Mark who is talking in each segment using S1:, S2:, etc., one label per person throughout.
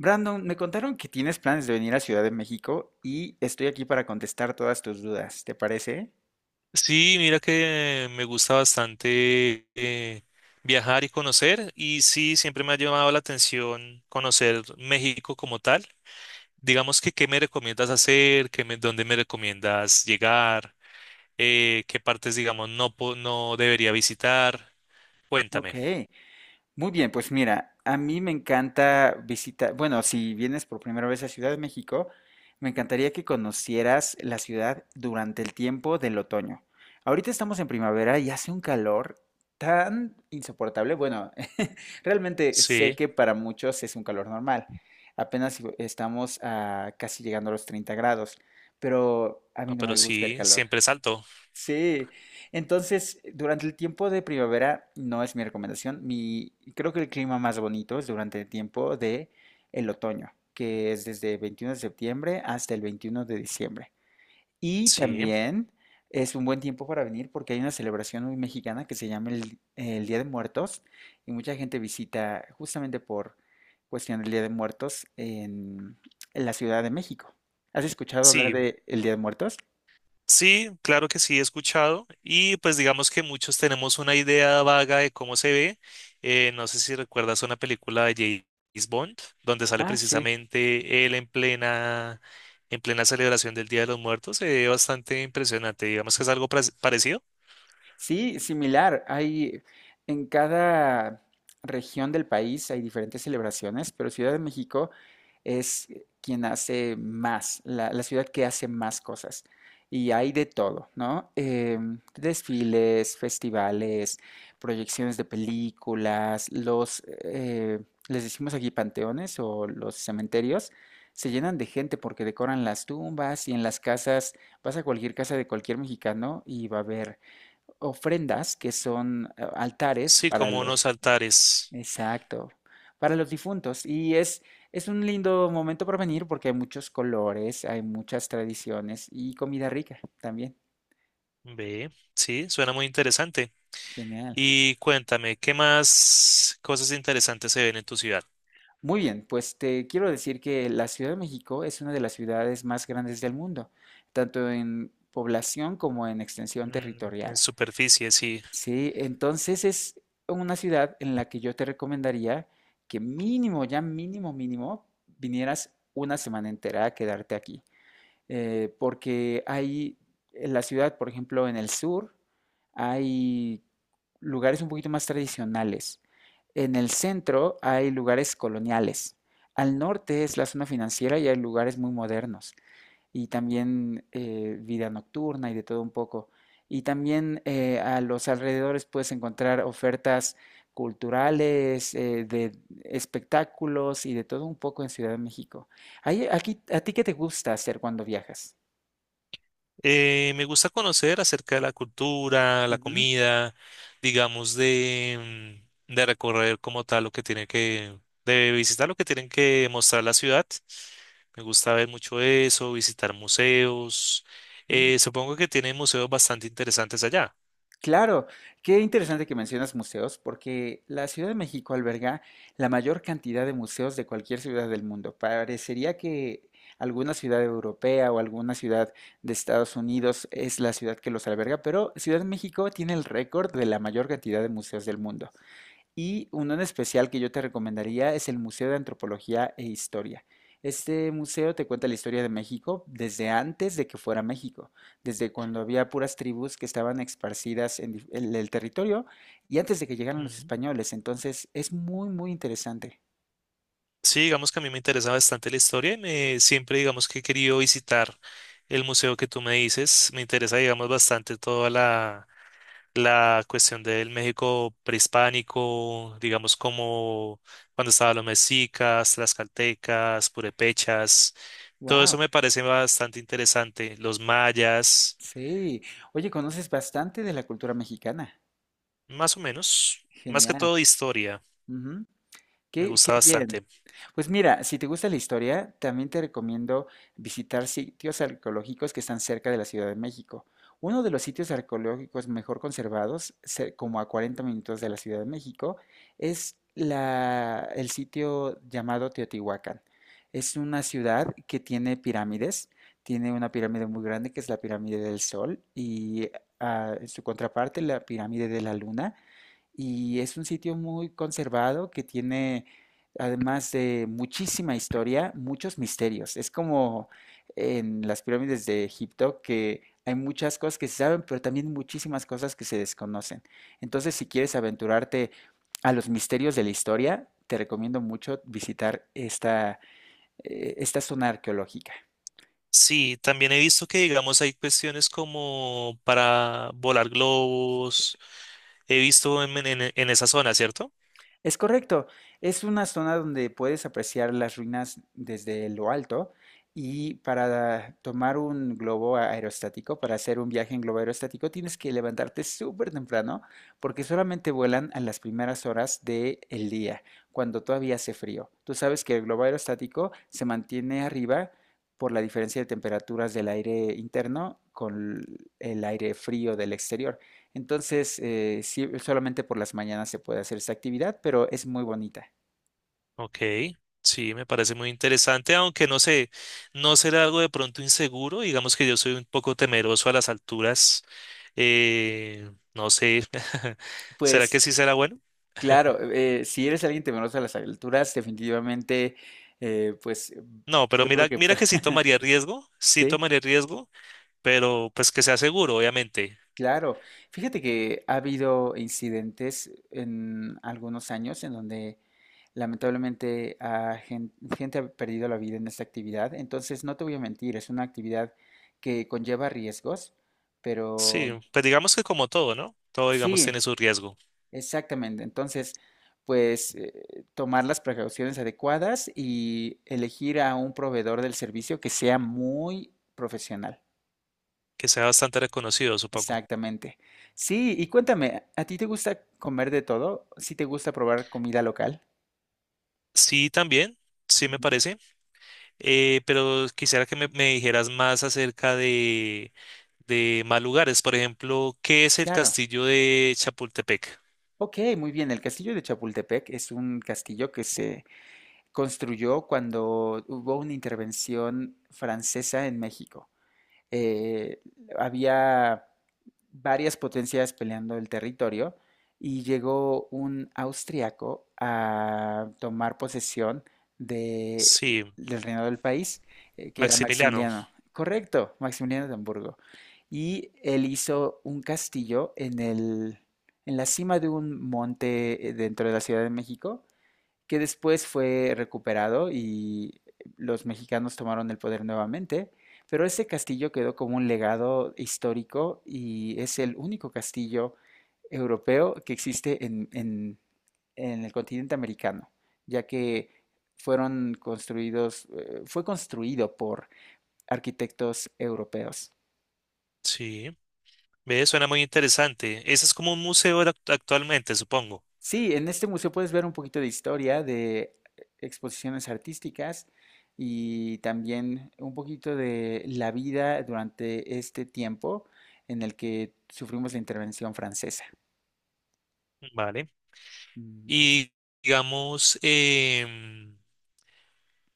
S1: Brandon, me contaron que tienes planes de venir a Ciudad de México y estoy aquí para contestar todas tus dudas, ¿te parece?
S2: Sí, mira que me gusta bastante viajar y conocer y sí, siempre me ha llamado la atención conocer México como tal. Digamos que qué me recomiendas hacer, dónde me recomiendas llegar, qué partes, digamos, no, no debería visitar.
S1: Ok.
S2: Cuéntame.
S1: Muy bien, pues mira, a mí me encanta visitar, bueno, si vienes por primera vez a Ciudad de México, me encantaría que conocieras la ciudad durante el tiempo del otoño. Ahorita estamos en primavera y hace un calor tan insoportable. Bueno, realmente sé
S2: Sí,
S1: que para muchos es un calor normal. Apenas si estamos a casi llegando a los 30 grados, pero a mí
S2: no,
S1: no
S2: pero
S1: me gusta el
S2: sí,
S1: calor.
S2: siempre salto.
S1: Sí, entonces durante el tiempo de primavera no es mi recomendación. Mi, creo que el clima más bonito es durante el tiempo de el otoño, que es desde 21 de septiembre hasta el 21 de diciembre. Y
S2: Sí,
S1: también es un buen tiempo para venir porque hay una celebración muy mexicana que se llama el Día de Muertos y mucha gente visita justamente por cuestión del Día de Muertos en la Ciudad de México. ¿Has escuchado hablar
S2: sí.
S1: de el Día de Muertos?
S2: Sí, claro que sí, he escuchado y pues digamos que muchos tenemos una idea vaga de cómo se ve. No sé si recuerdas una película de James Bond, donde sale
S1: Ah, sí.
S2: precisamente él en plena celebración del Día de los Muertos. Se ve bastante impresionante, digamos que es algo parecido.
S1: Sí, similar. Hay en cada región del país hay diferentes celebraciones, pero Ciudad de México es quien hace más, la ciudad que hace más cosas. Y hay de todo, ¿no? Em, desfiles, festivales, proyecciones de películas, los, les decimos aquí panteones o los cementerios, se llenan de gente porque decoran las tumbas y en las casas, vas a cualquier casa de cualquier mexicano y va a haber ofrendas que son altares
S2: Sí,
S1: para
S2: como
S1: los,
S2: unos altares.
S1: exacto, para los difuntos. Y es un lindo momento para venir porque hay muchos colores, hay muchas tradiciones y comida rica también.
S2: Ve, sí, suena muy interesante.
S1: Genial.
S2: Y cuéntame, ¿qué más cosas interesantes se ven en tu ciudad?
S1: Muy bien, pues te quiero decir que la Ciudad de México es una de las ciudades más grandes del mundo, tanto en población como en extensión
S2: Mm, en
S1: territorial.
S2: superficie, sí.
S1: Sí, entonces es una ciudad en la que yo te recomendaría que mínimo, ya mínimo, mínimo, vinieras una semana entera a quedarte aquí. Porque hay en la ciudad, por ejemplo, en el sur, hay lugares un poquito más tradicionales. En el centro hay lugares coloniales. Al norte es la zona financiera y hay lugares muy modernos y también vida nocturna y de todo un poco. Y también a los alrededores puedes encontrar ofertas culturales, de espectáculos y de todo un poco en Ciudad de México. Aquí, ¿a ti qué te gusta hacer cuando viajas?
S2: Me gusta conocer acerca de la cultura, la
S1: Ujú.
S2: comida, digamos, de recorrer como tal lo de visitar lo que tienen que mostrar la ciudad. Me gusta ver mucho eso, visitar museos.
S1: Mm.
S2: Supongo que tienen museos bastante interesantes allá.
S1: Claro, qué interesante que mencionas museos, porque la Ciudad de México alberga la mayor cantidad de museos de cualquier ciudad del mundo. Parecería que alguna ciudad europea o alguna ciudad de Estados Unidos es la ciudad que los alberga, pero Ciudad de México tiene el récord de la mayor cantidad de museos del mundo. Y uno en especial que yo te recomendaría es el Museo de Antropología e Historia. Este museo te cuenta la historia de México desde antes de que fuera México, desde cuando había puras tribus que estaban esparcidas en en el territorio y antes de que llegaran los españoles. Entonces es muy, muy interesante.
S2: Sí, digamos que a mí me interesa bastante la historia siempre digamos que he querido visitar el museo que tú me dices. Me interesa, digamos, bastante toda la cuestión del México prehispánico, digamos, como cuando estaban los mexicas, tlaxcaltecas, purépechas. Todo eso
S1: Wow,
S2: me parece bastante interesante. Los mayas,
S1: sí. Oye, conoces bastante de la cultura mexicana.
S2: más o menos, más que
S1: Genial.
S2: todo de historia.
S1: Ujú.
S2: Me
S1: Qué, qué
S2: gusta
S1: bien.
S2: bastante.
S1: Pues mira, si te gusta la historia, también te recomiendo visitar sitios arqueológicos que están cerca de la Ciudad de México. Uno de los sitios arqueológicos mejor conservados, como a 40 minutos de la Ciudad de México, es el sitio llamado Teotihuacán. Es una ciudad que tiene pirámides, tiene una pirámide muy grande que es la pirámide del Sol y en su contraparte la pirámide de la Luna y es un sitio muy conservado que tiene, además de muchísima historia, muchos misterios. Es como en las pirámides de Egipto que hay muchas cosas que se saben, pero también muchísimas cosas que se desconocen. Entonces, si quieres aventurarte a los misterios de la historia, te recomiendo mucho visitar esta, esta zona arqueológica.
S2: Sí, también he visto que, digamos, hay cuestiones como para volar globos. He visto en esa zona, ¿cierto?
S1: Es correcto, es una zona donde puedes apreciar las ruinas desde lo alto y para tomar un globo aerostático, para hacer un viaje en globo aerostático, tienes que levantarte súper temprano porque solamente vuelan a las primeras horas del día, cuando todavía hace frío. Tú sabes que el globo aerostático se mantiene arriba por la diferencia de temperaturas del aire interno con el aire frío del exterior. Entonces, sí, solamente por las mañanas se puede hacer esta actividad, pero es muy bonita.
S2: Ok, sí, me parece muy interesante, aunque no sé, no será algo de pronto inseguro, digamos que yo soy un poco temeroso a las alturas, no sé, ¿será que
S1: Pues
S2: sí será bueno?
S1: claro, si eres alguien temeroso a las alturas, definitivamente, eh, pues eh,
S2: No, pero
S1: yo creo
S2: mira,
S1: que
S2: mira que sí
S1: sí,
S2: tomaría riesgo, pero pues que sea seguro, obviamente.
S1: claro. Fíjate que ha habido incidentes en algunos años en donde lamentablemente ha gente ha perdido la vida en esta actividad. Entonces, no te voy a mentir, es una actividad que conlleva riesgos,
S2: Sí,
S1: pero
S2: pues digamos que como todo, ¿no? Todo, digamos,
S1: sí,
S2: tiene su riesgo,
S1: exactamente. Entonces, tomar las precauciones adecuadas y elegir a un proveedor del servicio que sea muy profesional.
S2: que sea bastante reconocido, supongo.
S1: Exactamente. Sí, y cuéntame, ¿a ti te gusta comer de todo? ¿Sí te gusta probar comida local?
S2: Sí, también, sí me
S1: Ujú,
S2: parece. Pero quisiera me dijeras más acerca de más lugares. Por ejemplo, ¿qué es el
S1: claro.
S2: castillo de Chapultepec?
S1: Ok, muy bien. El castillo de Chapultepec es un castillo que se construyó cuando hubo una intervención francesa en México. eh, Había varias potencias peleando el territorio y llegó un austriaco a tomar posesión de-
S2: Sí,
S1: del reinado del país, que era
S2: Maximiliano.
S1: Maximiliano. Correcto, Maximiliano de Hamburgo. Y él hizo un castillo en en la cima de un monte dentro de la Ciudad de México que después fue recuperado y los mexicanos tomaron el poder nuevamente, pero ese castillo quedó como un legado histórico y es el único castillo europeo que existe en, en el continente americano, ya que fue construido por arquitectos europeos.
S2: Sí, ve, suena muy interesante. Ese es como un museo actualmente, supongo.
S1: Sí, en este museo puedes ver un poquito de historia, de exposiciones artísticas y también un poquito de la vida durante este tiempo en el que sufrimos la intervención francesa.
S2: Vale.
S1: Ujú.
S2: Y digamos,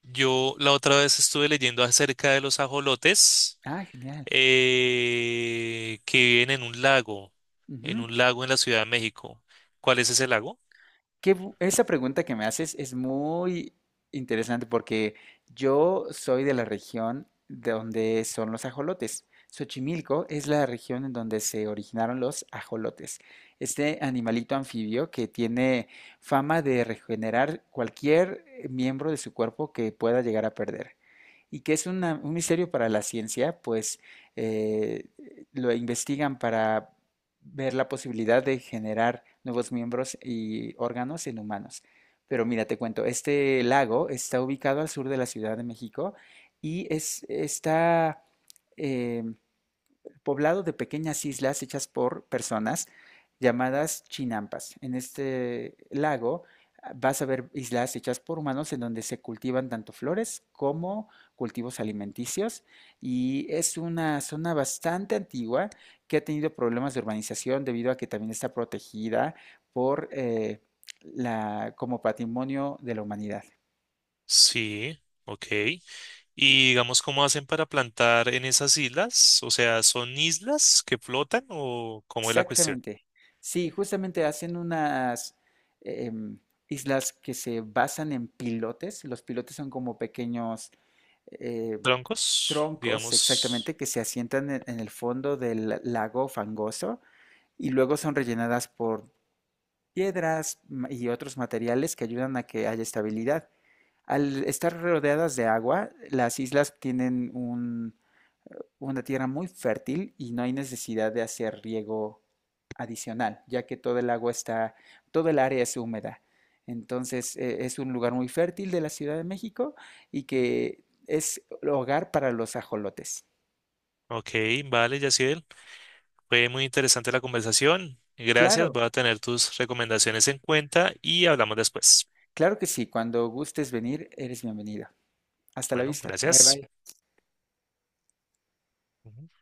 S2: yo la otra vez estuve leyendo acerca de los ajolotes
S1: Ah, genial.
S2: que viven en un lago, en un lago en la Ciudad de México. ¿Cuál es ese lago?
S1: Esa pregunta que me haces es muy interesante porque yo soy de la región de donde son los ajolotes. Xochimilco es la región en donde se originaron los ajolotes. Este animalito anfibio que tiene fama de regenerar cualquier miembro de su cuerpo que pueda llegar a perder. Y que es un misterio para la ciencia, pues eh, lo investigan para ver la posibilidad de generar nuevos miembros y órganos en humanos. Pero mira, te cuento, este lago está ubicado al sur de la Ciudad de México y es, está eh, poblado de pequeñas islas hechas por personas llamadas chinampas. En este lago vas a ver islas hechas por humanos en donde se cultivan tanto flores como cultivos alimenticios y es una zona bastante antigua que ha tenido problemas de urbanización debido a que también está protegida por la, como patrimonio de la humanidad.
S2: Sí, ok. Y digamos, ¿cómo hacen para plantar en esas islas? O sea, ¿son islas que flotan o cómo es la cuestión?
S1: Exactamente. Sí, justamente hacen unas em, islas que se basan en pilotes. Los pilotes son como pequeños eh,
S2: Troncos,
S1: troncos,
S2: digamos.
S1: exactamente, que se asientan en el fondo del lago fangoso y luego son rellenadas por y otros materiales que ayudan a que haya estabilidad. Al estar rodeadas de agua, las islas tienen una tierra muy fértil y no hay necesidad de hacer riego adicional, ya que todo el agua está, todo el área es húmeda. Entonces, es un lugar muy fértil de la Ciudad de México y que es hogar para los ajolotes.
S2: Ok, vale, Yaciel. Fue muy interesante la conversación. Gracias,
S1: Claro,
S2: voy a tener tus recomendaciones en cuenta y hablamos después.
S1: claro que sí. Cuando gustes venir, eres bienvenido. Hasta la
S2: Bueno,
S1: vista. Bye
S2: gracias.
S1: bye.
S2: Ujú.